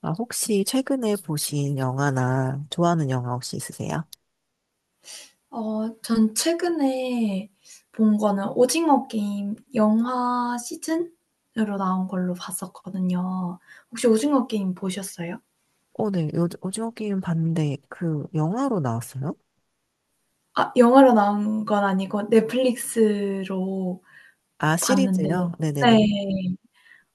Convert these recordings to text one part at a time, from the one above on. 아, 혹시 최근에 보신 영화나 좋아하는 영화 혹시 있으세요? 전 최근에 본 거는 오징어 게임 영화 시즌으로 나온 걸로 봤었거든요. 혹시 오징어 게임 보셨어요? 어, 네. 요, 오징어 게임 봤는데 그 영화로 나왔어요? 아, 영화로 나온 건 아니고 넷플릭스로 아, 봤는데. 시리즈요? 네네네. 네.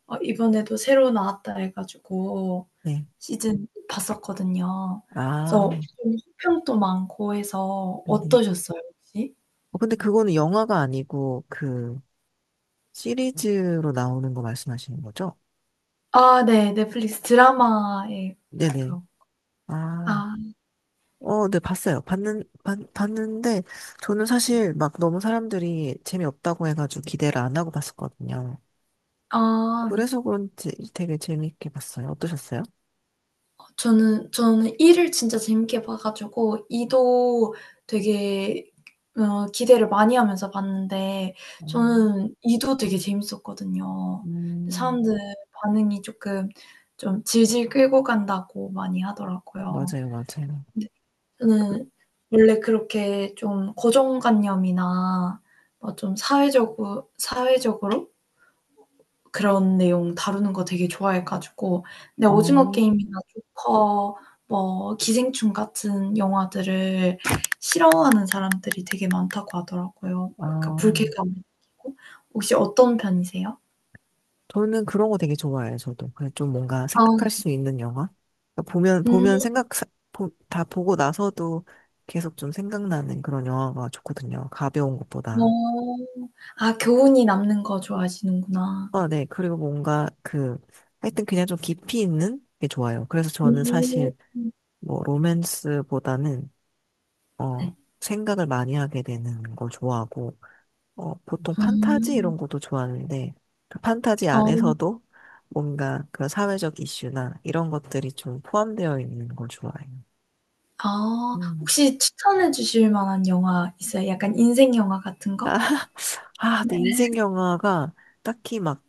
이번에도 새로 나왔다 해 가지고 네. 시즌 봤었거든요. 그래서 아, 좀 호평도 많고 해서 네네. 어떠셨어요 혹시? 어, 근데 그거는 영화가 아니고 그 시리즈로 나오는 거 말씀하시는 거죠? 아, 네. 넷플릭스 드라마에 네네. 가까운. 아, 아. 어, 네, 봤어요. 봤는데 저는 사실 막 너무 사람들이 재미없다고 해가지고 기대를 안 하고 봤었거든요. 아. 그래서 그런지 되게 재밌게 봤어요. 어떠셨어요? 저는 이를 진짜 재밌게 봐 가지고 이도 되게 기대를 많이 하면서 봤는데 저는 이도 되게 재밌었거든요. 근데 음, 사람들 반응이 조금 좀 질질 끌고 간다고 많이 하더라고요. 맞아요, 맞아요. 근데 그, 저는 원래 그렇게 좀 고정관념이나 뭐 좀 사회적으로 그런 내용 다루는 거 되게 좋아해 가지고, 근데 오징어 어, 게임이나 조커, 뭐 기생충 같은 영화들을 싫어하는 사람들이 되게 많다고 하더라고요. 그러니까 아, 불쾌감을 느끼고. 혹시 어떤 편이세요? 저는 그런 거 되게 좋아해요, 저도. 그냥 좀 뭔가 생각할 아. 수 있는 영화? 그러니까 보면 음. 다 보고 나서도 계속 좀 생각나는 그런 영화가 좋거든요. 가벼운 것보다. 어. 아, 교훈이 남는 거 좋아하시는구나. 아, 네. 그리고 뭔가 그, 하여튼 그냥 좀 깊이 있는 게 좋아요. 그래서 저는 음. 사실 뭐 로맨스보다는, 어, 네. 생각을 많이 하게 되는 걸 좋아하고, 어, 보통 판타지 음. 이런 것도 좋아하는데, 그 판타지 어. 안에서도 뭔가 그런 사회적 이슈나 이런 것들이 좀 포함되어 있는 걸 좋아해요. 아, 음. 혹시 추천해 주실 만한 영화 있어요? 약간 인생 영화 같은 아, 거? 아, 내 네. 인생 영화가 딱히 막,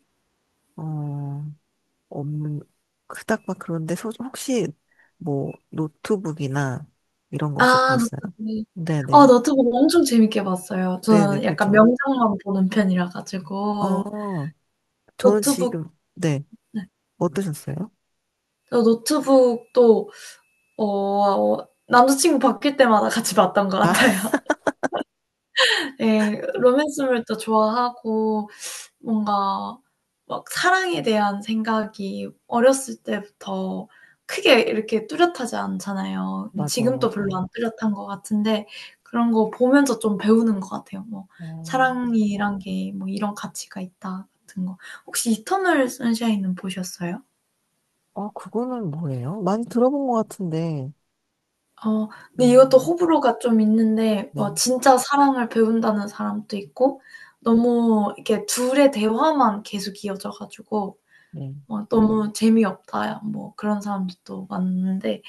어, 없는, 그닥 막 그런데, 소, 혹시 뭐, 노트북이나 이런 거 아, 혹시 보셨어요? 너튜브. 네네. 너튜브 엄청 재밌게 봤어요. 네네, 저는 약간 그죠. 명장만 보는 편이라 가지고. 어, 저는 노트북. 지금, 네. 네. 어떠셨어요? 저 노트북도 남자친구 바뀔 때마다 같이 봤던 것 아, 같아요. 예. 로맨스물도 좋아하고 뭔가 막 사랑에 대한 생각이 어렸을 때부터 크게 이렇게 뚜렷하지 않잖아요. 맞아요, 지금도 별로 맞아요. 안 뚜렷한 것 같은데 그런 거 보면서 좀 배우는 것 같아요. 뭐 음. '사랑이란 게 뭐 이런 가치가 있다.' 같은 거. 혹시 이터널 선샤인은 보셨어요? 아, 그거는 뭐예요? 많이 들어본 것 같은데. 어 근데 이것도 음, 호불호가 좀 있는데 네, 뭐 진짜 사랑을 배운다는 사람도 있고, 너무 이렇게 둘의 대화만 계속 이어져 가지고 네. 막 너무 재미없다 뭐 그런 사람들도 많은데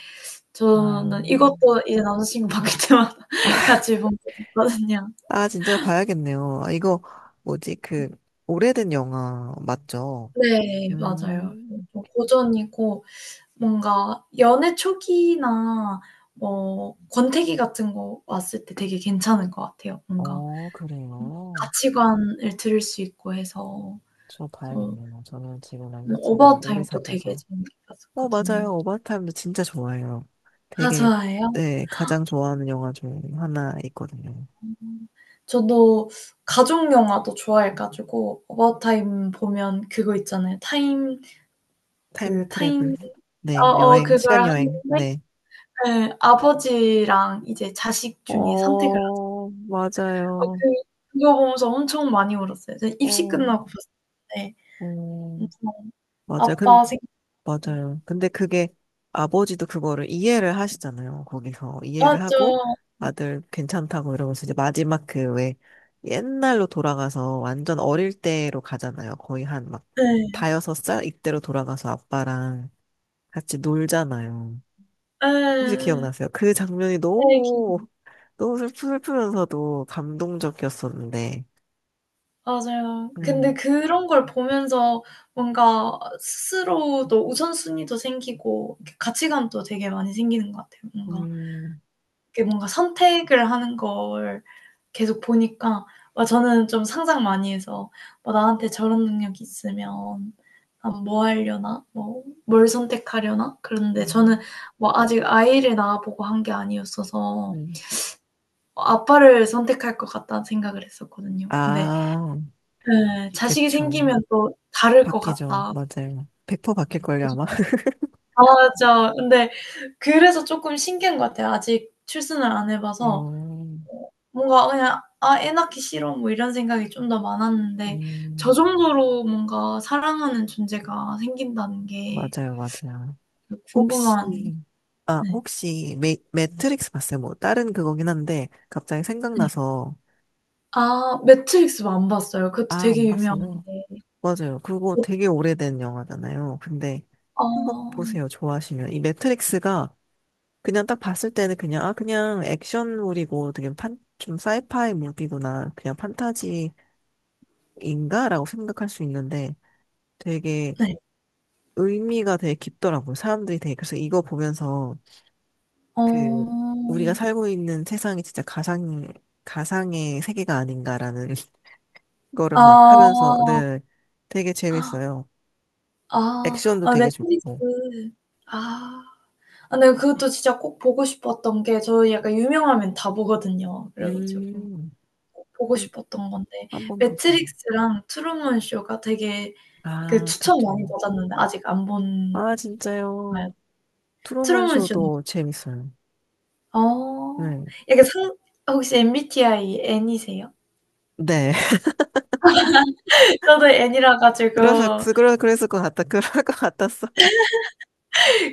아, 저는 이것도 이제 남자 친구 바뀔 때마다 같이 본 적 있거든요. 아, 진짜 봐야겠네요. 아, 이거, 뭐지, 음. 그, 오래된 영화 맞죠? 네, 맞아요. 음, 좀 고전이고, 뭔가 연애 초기나 뭐 권태기 같은 거 왔을 때 되게 괜찮을 것 같아요. 뭔가 어, 그래요. 가치관을 들을 수 있고 해서. 저 그래서 봐야겠네요. 저는 지금 뭐 남자친구랑 어바웃 오래 타임도 되게 사귀어서. 재밌게 어, 봤었거든요. 맞아요. 오버타임도 진짜 좋아해요. 아, 되게, 좋아해요? 네, 가장 좋아하는 영화 중 하나 있거든요. 음. 저도 가족 영화도 좋아해 가지고, 어바웃타임 보면 그거 있잖아요. 타임. 타임 그 트래블. 타임. 네, 어어 여행, 그걸 시간 여행. 하는데, 네. 예, 아버지랑 이제 자식 중에 선택을 어, 어 맞아요. 그 그거 보면서 엄청 많이 울었어요. 저 입시 어, 끝나고 봤었는데, 어, 엄청 맞아요. 근, 아빠 생각, 맞아요. 근데 그게 아버지도 그거를 이해를 하시잖아요. 거기서 이해를 하고 맞죠. 아들 괜찮다고 이러면서 이제 마지막 그 왜 옛날로 돌아가서 완전 어릴 때로 가잖아요. 거의 한 막 예. 다여섯 살 이때로 돌아가서 아빠랑 같이 놀잖아요. 혹시 예 기억나세요? 그 장면이 예 네. 너무, 너무 슬프면서도 감동적이었었는데. 맞아요. 음. 근데 네. 그런 걸 보면서 뭔가 스스로도 우선순위도 생기고 이렇게 가치관도 되게 많이 생기는 것 같아요. 뭔가 음, 이게, 뭔가 선택을 하는 걸 계속 보니까. 아, 저는 좀 상상 많이 해서 '뭐 나한테 저런 능력이 있으면 난 뭐 하려나? 뭐 뭘 선택하려나?' 그런데 저는 음, 뭐 아직 아이를 낳아 보고 한 게 아니었어서 네. '아빠를 선택할 것 같다.'는 생각을 했었거든요. 근데 아, 예. 자식이 그쵸. 생기면 또 다를 것 바뀌죠. 같다. 맞아요. 100% 바뀔걸요, 그래서 아마? 맞아. 근데 그래서 쪼끔 신기한 것 같아요. 아직 출산을 안 해 봐서 어, 뭔가 그냥 '아 애 낳기 싫어.' 뭐 이런 생각이 좀 더 많았는데, 저 음, 정도로 뭔가 사랑하는 존재가 생긴다는 게 맞아요, 맞아요. 그 혹시, 궁금한. 아, 네. 혹시, 매, 매트릭스 봤어요? 뭐, 다른 그거긴 한데, 갑자기 네. 생각나서, 아, 매트릭스는 안 봤어요. 그것도 아, 안 되게 봤어요. 유명한데. 맞아요. 그거 어. 되게 오래된 영화잖아요. 근데, 한번 아. 보세요. 좋아하시면. 이 매트릭스가, 그냥 딱 봤을 때는 그냥, 아, 그냥 액션물이고, 되게 판, 좀 사이파이 무비구나. 그냥 판타지 인가라고 생각할 수 있는데 되게 네. 의미가 되게 깊더라고요. 사람들이 되게 그래서 이거 보면서 어. 그 우리가 살고 있는 세상이 진짜 가상의 세계가 아닌가라는 거를 막 하면서 네 되게 아. 재밌어요. 아. 액션도 아, 되게 넷플릭스. 좋고 아. 아, 네, 그것도 진짜 꼭 보고 싶었던 게, 저 약간 유명하면 다 보거든요. 그래 가지고 음 꼭 보고 싶었던 건데, 한번 봤어요. 매트릭스랑 트루먼 쇼가 되게 그 아 추천 많이 그쵸. 받았는데 아직 안 본 아 나요? 진짜요. 트루먼 트루먼 쇼는 쇼도 재밌어요. 어. 네. 약간 상. 혹시 MBTI N이세요? 네. 저도 N이라 그래서 가지고, 그러 그랬을 것 같다. 그럴 것 같았어요.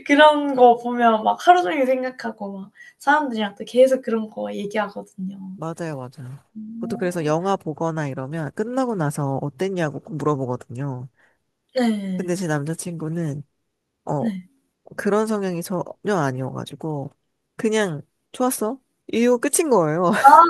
그런 거 보면 막 하루 종일 생각하고 막 사람들이랑 또 계속 그런 거 얘기하거든요. 맞아요, 맞아요. 저도 그래서 어. 영화 보거나 이러면 끝나고 나서 어땠냐고 꼭 물어보거든요. 네. 근데 제 남자친구는, 어, 네. 그런 성향이 전혀 아니어가지고, 그냥, 좋았어? 이거 끝인 거예요. 아,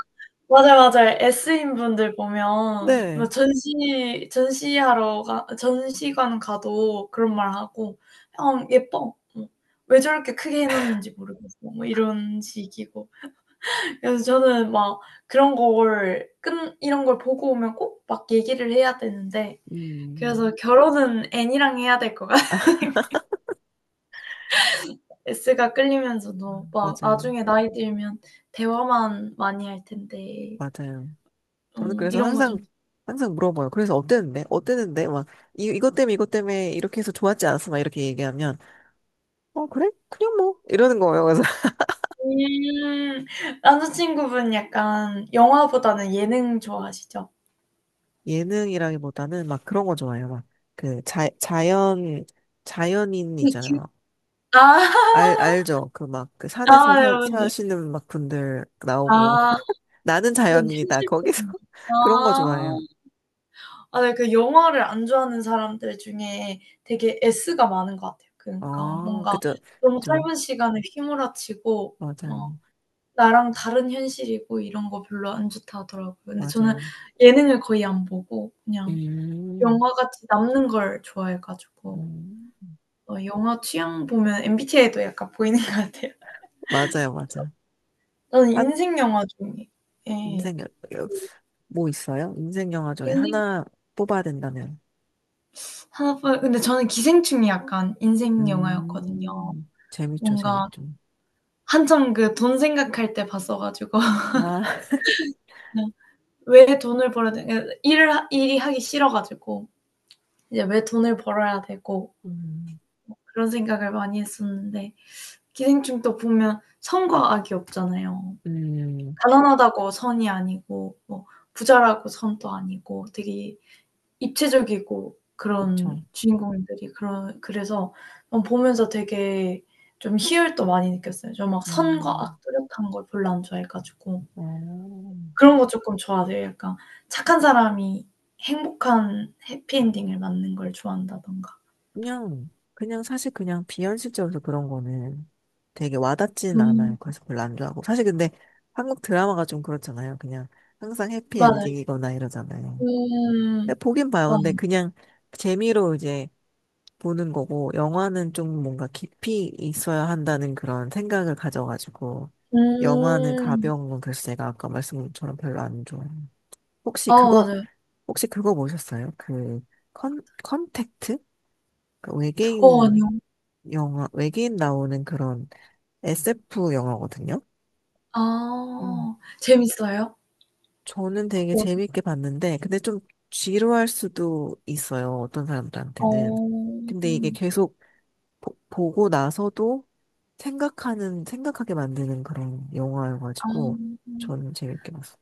맞아요, 맞아요. S인 분들 보면 뭐 네. 전시 전시하러 가 전시관 가도 그런 말 하고 '형 예뻐.' 뭐 '왜 저렇게 크게 해 놓는지 모르겠어.' 뭐 이런 식이고. 그래서 저는 막 그런 걸 끈 이런 걸 보고 오면 꼭 막 얘기를 해야 되는데. 음, 그래서 결혼은 N이랑 해야 될 것 같아요. S가 끌리면서도 막 맞아요. 나중에 나이 들면 대화만 많이 할 텐데 맞아요. 저는 그래서 이런 거 항상, 좀 항상 물어봐요. 그래서 어땠는데? 어땠는데? 막, 이, 이것 때문에, 이것 때문에, 이렇게 해서 좋았지 않았어? 막 이렇게 얘기하면, 어, 그래? 그냥 뭐, 이러는 거예요. 음. 남자친구분 약간 영화보다는 예능 좋아하시죠? 예능이라기보다는 막 그런 거 좋아해요. 막 그 자, 자연인 그쵸. 있잖아요. 아. 알 알죠? 그 막 그 아, 산에서 네, 사, 맞네. 사시는 막 분들 나오고 아 나는 전 자연인이다. 거기서 현실적인 거. 그런 거 아. 좋아해요. 아, 네, 그 영화를 안 좋아하는 사람들 중에 되게 S가 많은 것 같아요. 그러니까 아, 뭔가 그죠. 너무 그죠. 짧은 시간에 휘몰아치고 어 맞아요. 나랑 다른 현실이고 이런 거 별로 안 좋다 하더라고요. 근데 저는 맞아요. 예능을 거의 안 보고 그냥 음. 영화같이 남는 걸 좋아해 가지고. 음. 영화 취향 보면 MBTI도 약간 보이는 것 같아요. 맞아요. 맞아. 저는 한 인생 영화 중에, 예, 인생 여- 여- 뭐 있어요? 인생 영화 그 중에 인생 하나 뽑아야 된다면. 하나뿐. 근데 저는 기생충이 약간 인생 영화였거든요. 음. 재밌죠. 뭔가 재밌죠. 한참 그 돈 생각할 때 봤어 가지고 그냥. 와. 왜 돈을 벌어야 되, 그러니까 일을 하 일이 하기 싫어 가지고 이제 '왜 돈을 벌어야 되고.' 음. 그런 생각을 많이 했었는데, 기생충도 보면 선과 악이 없잖아요. 음, 가난하다고 선이 아니고 뭐 부자라고 선도 아니고, 되게 입체적이고 그쵸. 그런 주인공들이 그런. 그래서 보면서 되게 좀 희열도 많이 느꼈어요. 저 막 선과 음, 악 뚜렷한 걸 별로 안 좋아해 가지고. 어, 그런 거 쪼끔 좋아하세요. 약간 착한 사람이 행복한 해피엔딩을 맞는 걸 좋아한다든가. 그냥, 그냥 사실 그냥 비현실적으로 그런 거는 되게 와닿지는 않아요. 음. 그래서 별로 안 좋아하고. 사실 근데 한국 드라마가 좀 그렇잖아요. 그냥 항상 맞아요. 해피엔딩이거나 이러잖아요. 음. 근데 보긴 봐요. 맞아요. 근데 그냥 재미로 이제 보는 거고, 영화는 좀 뭔가 깊이 있어야 한다는 그런 생각을 가져가지고, 영화는 음. 가벼운 건 그래서 제가 아까 말씀처럼 별로 안 좋아해요. 혹시 아, 그거 맞아요. 혹시 그거 보셨어요? 그 컨택트? 그 어. 외계인 아니요. 영화, 외계인 나오는 그런 SF 영화거든요. 음. 아, 재밌어요? 저는 되게 어떤. 재밌게 봤는데, 근데 좀 지루할 수도 있어요. 어떤 사람들한테는. 어. 근데 이게 음. 계속 보고 나서도 생각하는, 생각하게 만드는 그런 아. 영화여가지고, 저는 재밌게 봤어요.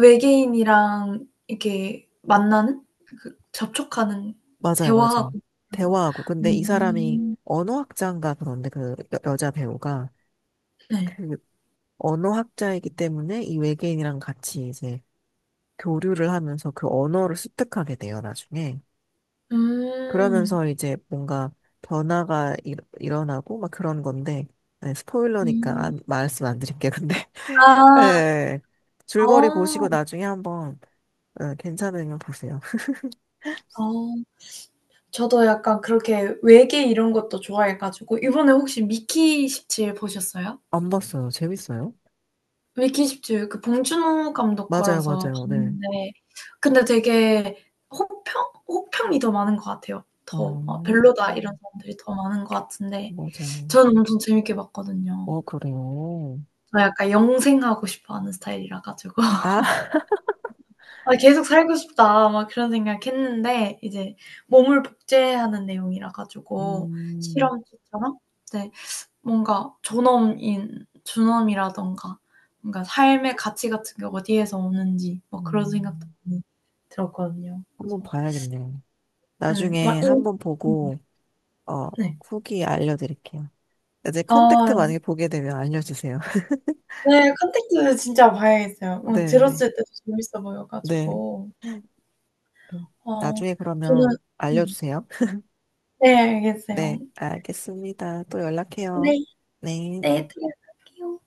외계인이랑 이렇게 만나는? 그 접촉하는, 맞아요, 대화하고 맞아요. 그런 거요. 대화하고. 근데 이 사람이 음. 언어학자인가 그런데 그 여자 배우가 네. 그 언어학자이기 때문에 이 외계인이랑 같이 이제 교류를 하면서 그 언어를 습득하게 돼요, 나중에. 음. 그러면서 이제 뭔가 변화가 일어나고 막 그런 건데, 네, 스포일러니까 음. 말씀 안 드릴게요, 근데. 아. 네, 줄거리 보시고 어. 나중에 한번 예, 괜찮으면 보세요. 어. 저도 약간 그렇게 외계 이런 것도 좋아해 가지고, 이번에 혹시 미키 17 보셨어요? 안 봤어요. 재밌어요? 미키 17 그 봉준호 감독 맞아요, 거라서 맞아요, 네. 봤는데, 근데 되게 혹평? 호평이 더 많은 것 같아요. 아, 더 막 '별로다.' 이런 사람들이 더 많은 것 같은데 맞아요. 저는 엄청 재밌게 봤거든요. 어, 그래요. 저 약간 영생하고 싶어하는 스타일이라 가지고 아, '아 계속 살고 싶다.' 막 그런 생각했는데, 이제 몸을 복제하는 내용이라 가지고, 음, 실험체처럼. 네. 뭔가 존엄인 존엄이라든가 뭔가 삶의 가치 같은 게 어디에서 오는지 뭐 그런 생각도 음, 많이 들었거든요. 한번 그래서 봐야겠네요. 예. 막 나중에 이. 한번 음. 보고, 어, 네. 후기 알려드릴게요. 이제 아, 컨택트 만약에 보게 되면 알려주세요. 네. 컨택트 진짜 봐야겠어요. 네네. 들었을 때도 재밌어 보여 네. 가지고. 네. 어 나중에 저는. 그러면 음. 알려주세요. 네, 네, 알겠어요. 알겠습니다. 또 연락해요. 네. 네. 네, 들어갈게요.